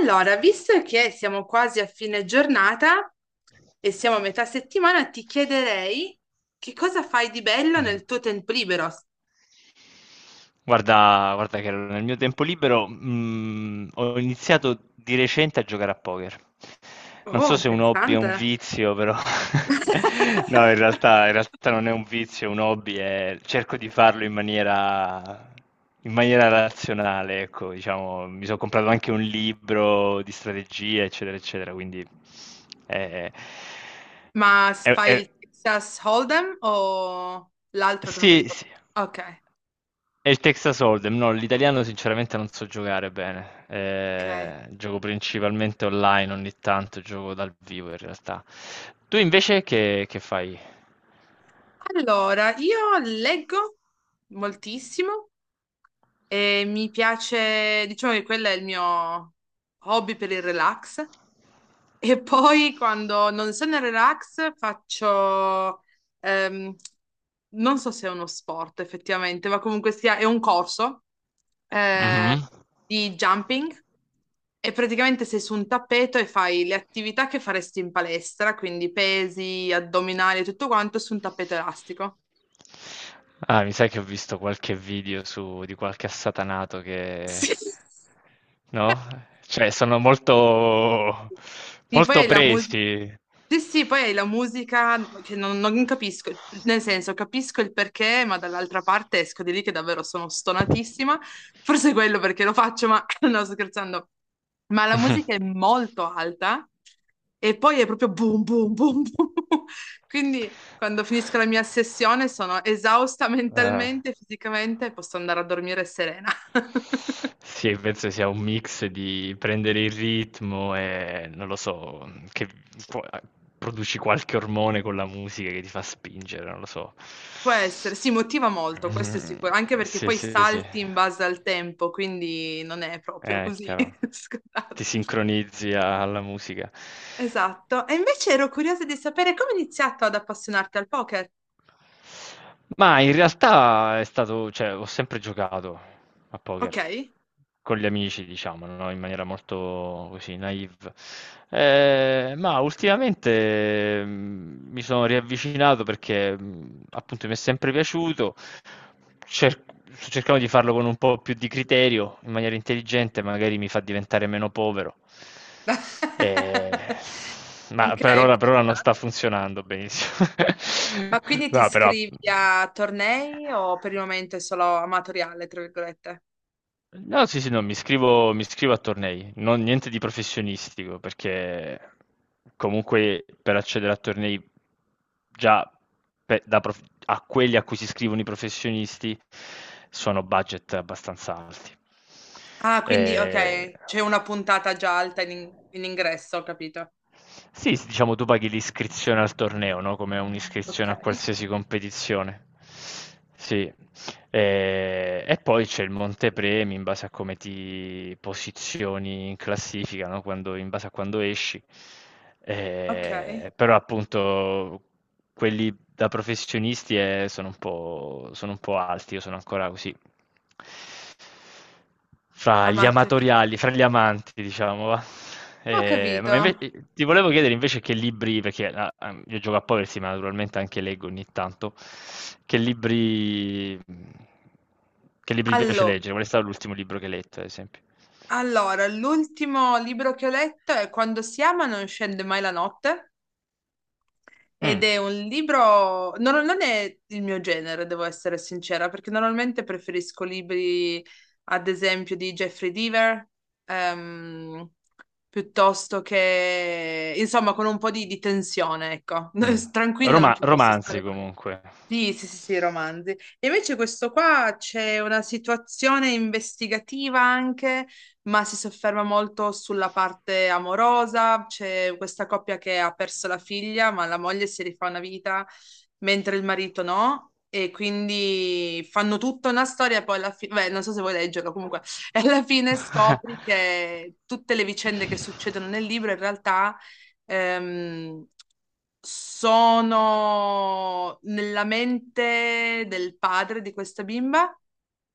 Allora, visto che siamo quasi a fine giornata e siamo a metà settimana, ti chiederei che cosa fai di bello Mh-mh. nel tuo tempo libero? Guarda, guarda che nel mio tempo libero, ho iniziato di recente a giocare a poker. Non Oh, so se è un hobby è un interessante. vizio, però no, in realtà, in realtà non è un vizio, è un hobby, cerco di farlo in maniera razionale, ecco, diciamo, mi sono comprato anche un libro di strategia, eccetera, eccetera, quindi eh, Ma è- fai il è- Texas Hold'em o l'altro che non mi sì, ricordo? sì. Ok, E il Texas Hold'em, no, l'italiano sinceramente non so giocare bene. ok. Gioco principalmente online, ogni tanto gioco dal vivo in realtà. Tu invece che fai? Allora, io leggo moltissimo e mi piace, diciamo che quello è il mio hobby per il relax. E poi quando non sono in relax faccio, ehm, non so se è uno sport effettivamente, ma comunque sia, è un corso eh, Mhm. di jumping e praticamente sei su un tappeto e fai le attività che faresti in palestra, quindi pesi, addominali e tutto quanto su un tappeto elastico. Ah, mi sa che ho visto qualche video su, di qualche assatanato che... Sì. No? Cioè, sono molto, Sì, poi molto hai la musica. presi. Sì, sì, poi hai la musica che non capisco, nel senso capisco il perché, ma dall'altra parte esco di lì che davvero sono stonatissima, forse è quello perché lo faccio, ma no, sto scherzando, ma la musica è molto alta e poi è proprio boom, boom, boom, boom, quindi quando finisco la mia sessione sono esausta Eh. mentalmente, fisicamente e posso andare a dormire serena. Sì, penso sia un mix di prendere il ritmo e non lo so, che po a produci qualche ormone con la musica che ti fa spingere, non lo so. Può essere, si motiva molto, questo è Mh, sicuro, anche perché sì, poi sì, sì. Salti in base al tempo, quindi non è proprio È così chiaro. Ti scontato. sincronizzi alla musica. Esatto. E invece ero curiosa di sapere come hai iniziato ad appassionarti al poker. Ma in realtà è stato, cioè, ho sempre giocato a Ok? poker con gli amici, diciamo, no, in maniera molto così naïve. Ma ultimamente mi sono riavvicinato perché appunto mi è sempre piaciuto. cer- Sto cercando di farlo con un po' più di criterio, in maniera intelligente, magari mi fa diventare meno povero. Eh, ma Ok, per ora, per ci ora non sta. sta funzionando benissimo. Ma quindi ti No, però... iscrivi a tornei o per il momento è solo amatoriale, tra virgolette? No, sì, sì, no, mi iscrivo a tornei, non, niente di professionistico, perché comunque per accedere a tornei già a quelli a cui si iscrivono i professionisti sono budget abbastanza alti. Ah, quindi Eh, ok, c'è una puntata già alta in ingresso, ho capito. sì, s diciamo tu paghi l'iscrizione al torneo, no, come Ok, un'iscrizione a qualsiasi competizione. Sì. E poi c'è il montepremi in base a come ti posizioni in classifica, no, quando in base a quando esci. ok, Però appunto quelli da professionisti, sono un po' alti, io sono ancora così fra gli amatoriale. amatoriali, fra gli amanti diciamo va. Ho capito. Ma inve ti volevo chiedere invece che libri, perché a a io gioco a Poverty, ma naturalmente anche leggo ogni tanto. che libri mhmm, che libri ti piace Allo- leggere? Qual è stato l'ultimo libro che hai letto, ad esempio? Allora, l'ultimo libro che ho letto è Quando si ama non scende mai la notte ed Mh, è un libro, non è il mio genere, devo essere sincera, perché normalmente preferisco libri, ad esempio, di Jeffrey Deaver, ehm, piuttosto che, insomma, con un po' di tensione, ecco. mh. Tranquilla non ci posso stare Romanzi mai. comunque. Sì, sì, sì, sì, romanzi. E invece questo qua c'è una situazione investigativa anche, ma si sofferma molto sulla parte amorosa. C'è questa coppia che ha perso la figlia, ma la moglie si rifà una vita, mentre il marito no. E quindi fanno tutta una storia, poi alla fine, beh, non so se vuoi leggerlo, comunque, e alla fine scopri che tutte le vicende che succedono nel libro in realtà ehm, sono nella mente del padre di questa bimba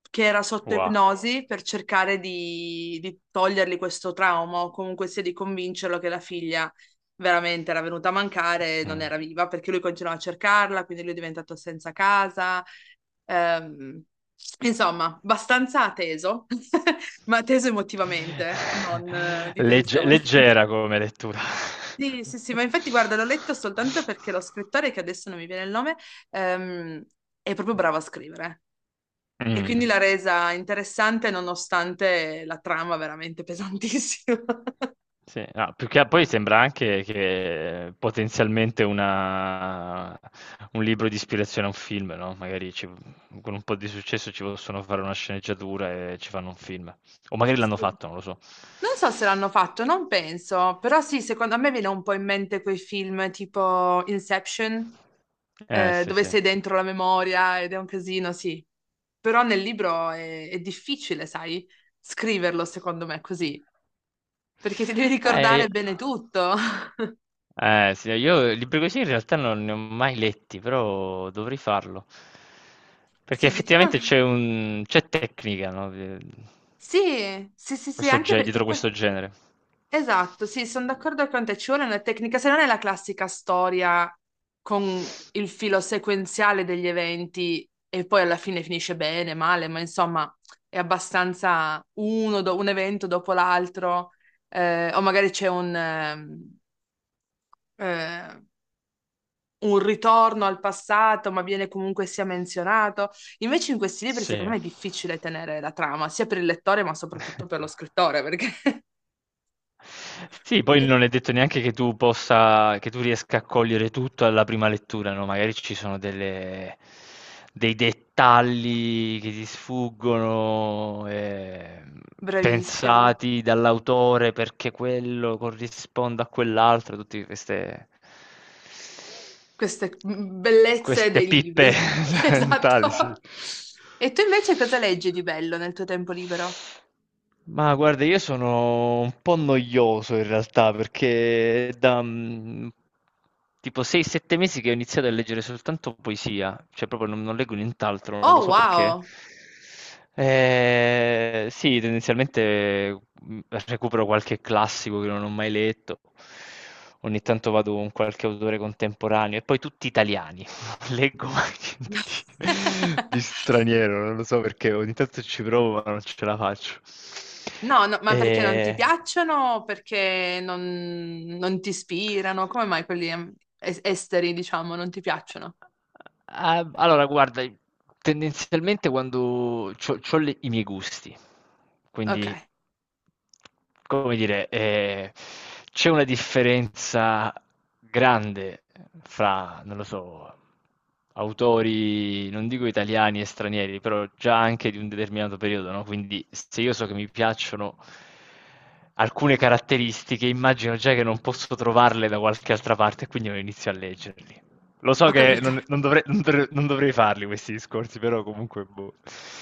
che era sotto Wow. ipnosi per cercare di togliergli questo trauma o comunque sia di convincerlo che la figlia veramente era venuta a mancare e non Mh. era viva perché lui continuava a cercarla, quindi lui è diventato senza casa. Ehm, insomma, abbastanza teso, ma teso emotivamente, non di tensione. Leggera come lettura. Sì, sì, sì, ma infatti guarda, l'ho letto soltanto perché lo scrittore, che adesso non mi viene il nome, ehm, è proprio bravo a scrivere e Mh. quindi l'ha resa interessante nonostante la trama veramente pesantissima. Sì, no, più che a poi sembra anche che potenzialmente una, un libro di ispirazione a un film, no, magari con un po' di successo ci possono fare una sceneggiatura e ci fanno un film. O magari l'hanno Sì. fatto, non lo so. Non so se l'hanno fatto, non penso, però sì, secondo me viene un po' in mente quei film tipo Inception, Sì, dove sì. sei dentro la memoria ed è un casino, sì. Però nel libro è difficile, sai, scriverlo secondo me così. Perché ti devi Eh, io- ricordare bene tutto. Sì, io libri così in realtà non ne ho mai letti, però dovrei farlo. Perché Sì, effettivamente diciamo... c'è tecnica, no? Sì, sì, sì, sì, anche perché Dietro poi... questo genere. Esatto, sì, sono d'accordo con te, ci vuole una tecnica, se non è la classica storia con il filo sequenziale degli eventi e poi alla fine finisce bene, male, ma insomma è abbastanza un evento dopo l'altro, o magari c'è eh, un ritorno al passato, ma viene comunque sia menzionato. Invece in questi libri, secondo Sì. me, è difficile tenere la trama, sia per il lettore, ma soprattutto per lo scrittore, perché Sì, poi non è detto neanche che tu possa, che tu riesca a cogliere tutto alla prima lettura, no? Magari ci sono dei dettagli che ti sfuggono, bravissimo. pensati dall'autore perché quello corrisponda a quell'altro, tutte queste, Queste bellezze queste dei pippe libri. mentali, sì. Esatto. E tu invece cosa leggi di bello nel tuo tempo libero? Ma guarda, io sono un po' noioso in realtà perché è da tipo 6-7 mesi che ho iniziato a leggere soltanto poesia, cioè proprio non leggo nient'altro, non lo Oh, so perché. wow! Sì, tendenzialmente mm, recupero qualche classico che non ho mai letto, ogni tanto vado con qualche autore contemporaneo e poi tutti italiani. Leggo mai niente di, di straniero, non lo so perché ogni tanto ci provo ma non ce la faccio. No, no, ma E... perché non ti piacciono? O perché non, non ti ispirano? Come mai quelli esteri, diciamo, non ti piacciono? Ah, allora, guarda, tendenzialmente quando c'ho i miei gusti, Ok. quindi, come dire, c'è una differenza grande fra, non lo so, autori, non dico italiani e stranieri, però già anche di un determinato periodo, no? Quindi se io so che mi piacciono alcune caratteristiche, immagino già che non posso trovarle da qualche altra parte, quindi non inizio a leggerli. Lo so Ho che capito. non dovrei, non dovrei farli questi discorsi, però comunque, boh.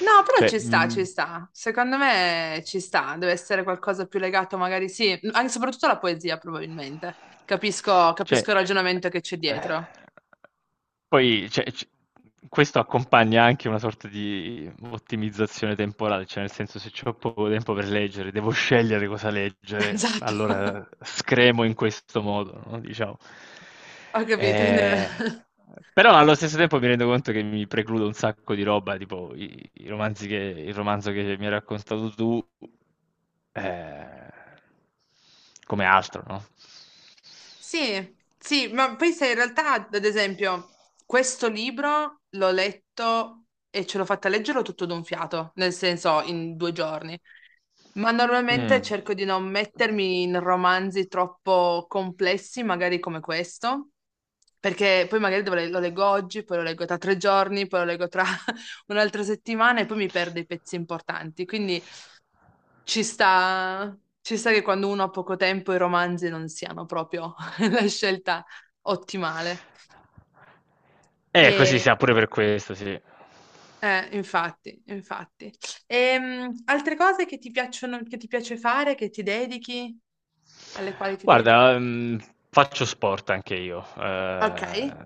No, però Cioè, ci sta, ci mi- sta. Secondo me ci sta. Deve essere qualcosa più legato, magari sì, anche soprattutto alla poesia, probabilmente. Capisco, cioè, capisco il ragionamento che c'è eh, dietro. poi cioè, questo accompagna anche una sorta di ottimizzazione temporale, cioè nel senso se ho poco tempo per leggere, devo scegliere cosa leggere, Esatto. allora scremo in questo modo, no? Diciamo. Ho capito. Quindi- Eh, però allo stesso tempo mi rendo conto che mi precludo un sacco di roba, tipo i romanzi il romanzo che mi hai raccontato tu. eh, Come altro, no? Sì, sì, ma poi se in realtà, ad esempio, questo libro l'ho letto e ce l'ho fatta leggerlo tutto d'un fiato, nel senso in 2 giorni. Ma normalmente Mm. cerco di non mettermi in romanzi troppo complessi, magari come questo, perché poi magari lo leggo oggi, poi lo leggo tra 3 giorni, poi lo leggo tra un'altra settimana e poi mi perdo i pezzi importanti. Quindi ci sta che quando uno ha poco tempo i romanzi non siano proprio la scelta ottimale. Così E, sia pure per questo, sì. Infatti, infatti. Altre cose che ti piacciono, che ti piace fare, che ti dedichi, alle quali ti dedichi? Guarda, faccio sport anche io. Ok.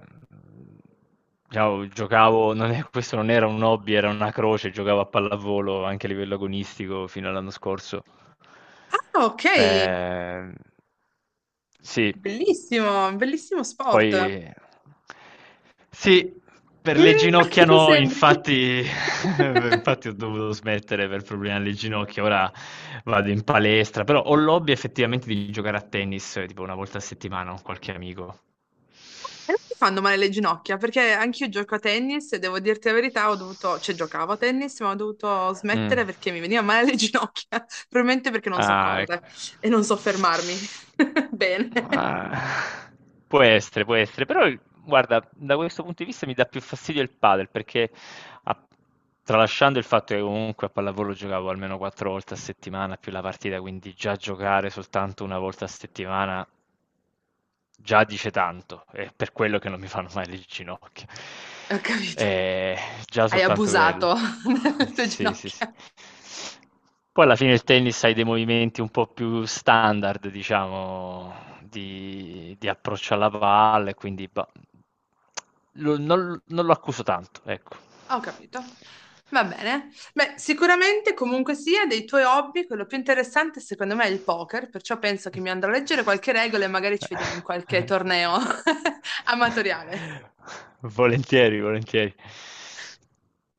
Diciamo, giocavo, non è- questo non era un hobby, era una croce, giocavo a pallavolo anche a livello agonistico fino all'anno scorso. Ah, ok. Eh, sì, Bellissimo, bellissimo poi sport. sì, per le ginocchia Mm, no, sembri. infatti, infatti ho dovuto smettere per problemi alle ginocchia, ora vado in palestra, però ho l'hobby effettivamente di giocare a tennis, tipo 1 volta a settimana con qualche amico. E non ti fanno male le ginocchia, perché anch'io gioco a tennis e devo dirti la verità, ho dovuto, cioè giocavo a tennis, ma ho dovuto Mm. smettere perché mi veniva male le ginocchia, probabilmente perché non so. Ah, Ah, ecco. correre e non so fermarmi. Bene, Ah, può essere, può essere, però guarda, da questo punto di vista mi dà più fastidio il padel, perché a- tralasciando il fatto che comunque a pallavolo giocavo almeno 4 volte a settimana più la partita, quindi già giocare soltanto 1 volta a settimana già dice tanto, è per quello che non mi fanno mai le ginocchia. ho capito. Eh, Già Hai soltanto quello. abusato delle tue Sì, sì, sì. ginocchia. Poi alla fine il tennis hai dei movimenti un po' più standard, diciamo, di approccio alla palla, e quindi bah, non lo accuso tanto, ecco. Ho capito. Va bene. Beh, sicuramente comunque sia dei tuoi hobby, quello più interessante secondo me è il poker, perciò penso che mi andrò a leggere qualche regola e magari ci vediamo in qualche torneo amatoriale. Volentieri, volentieri.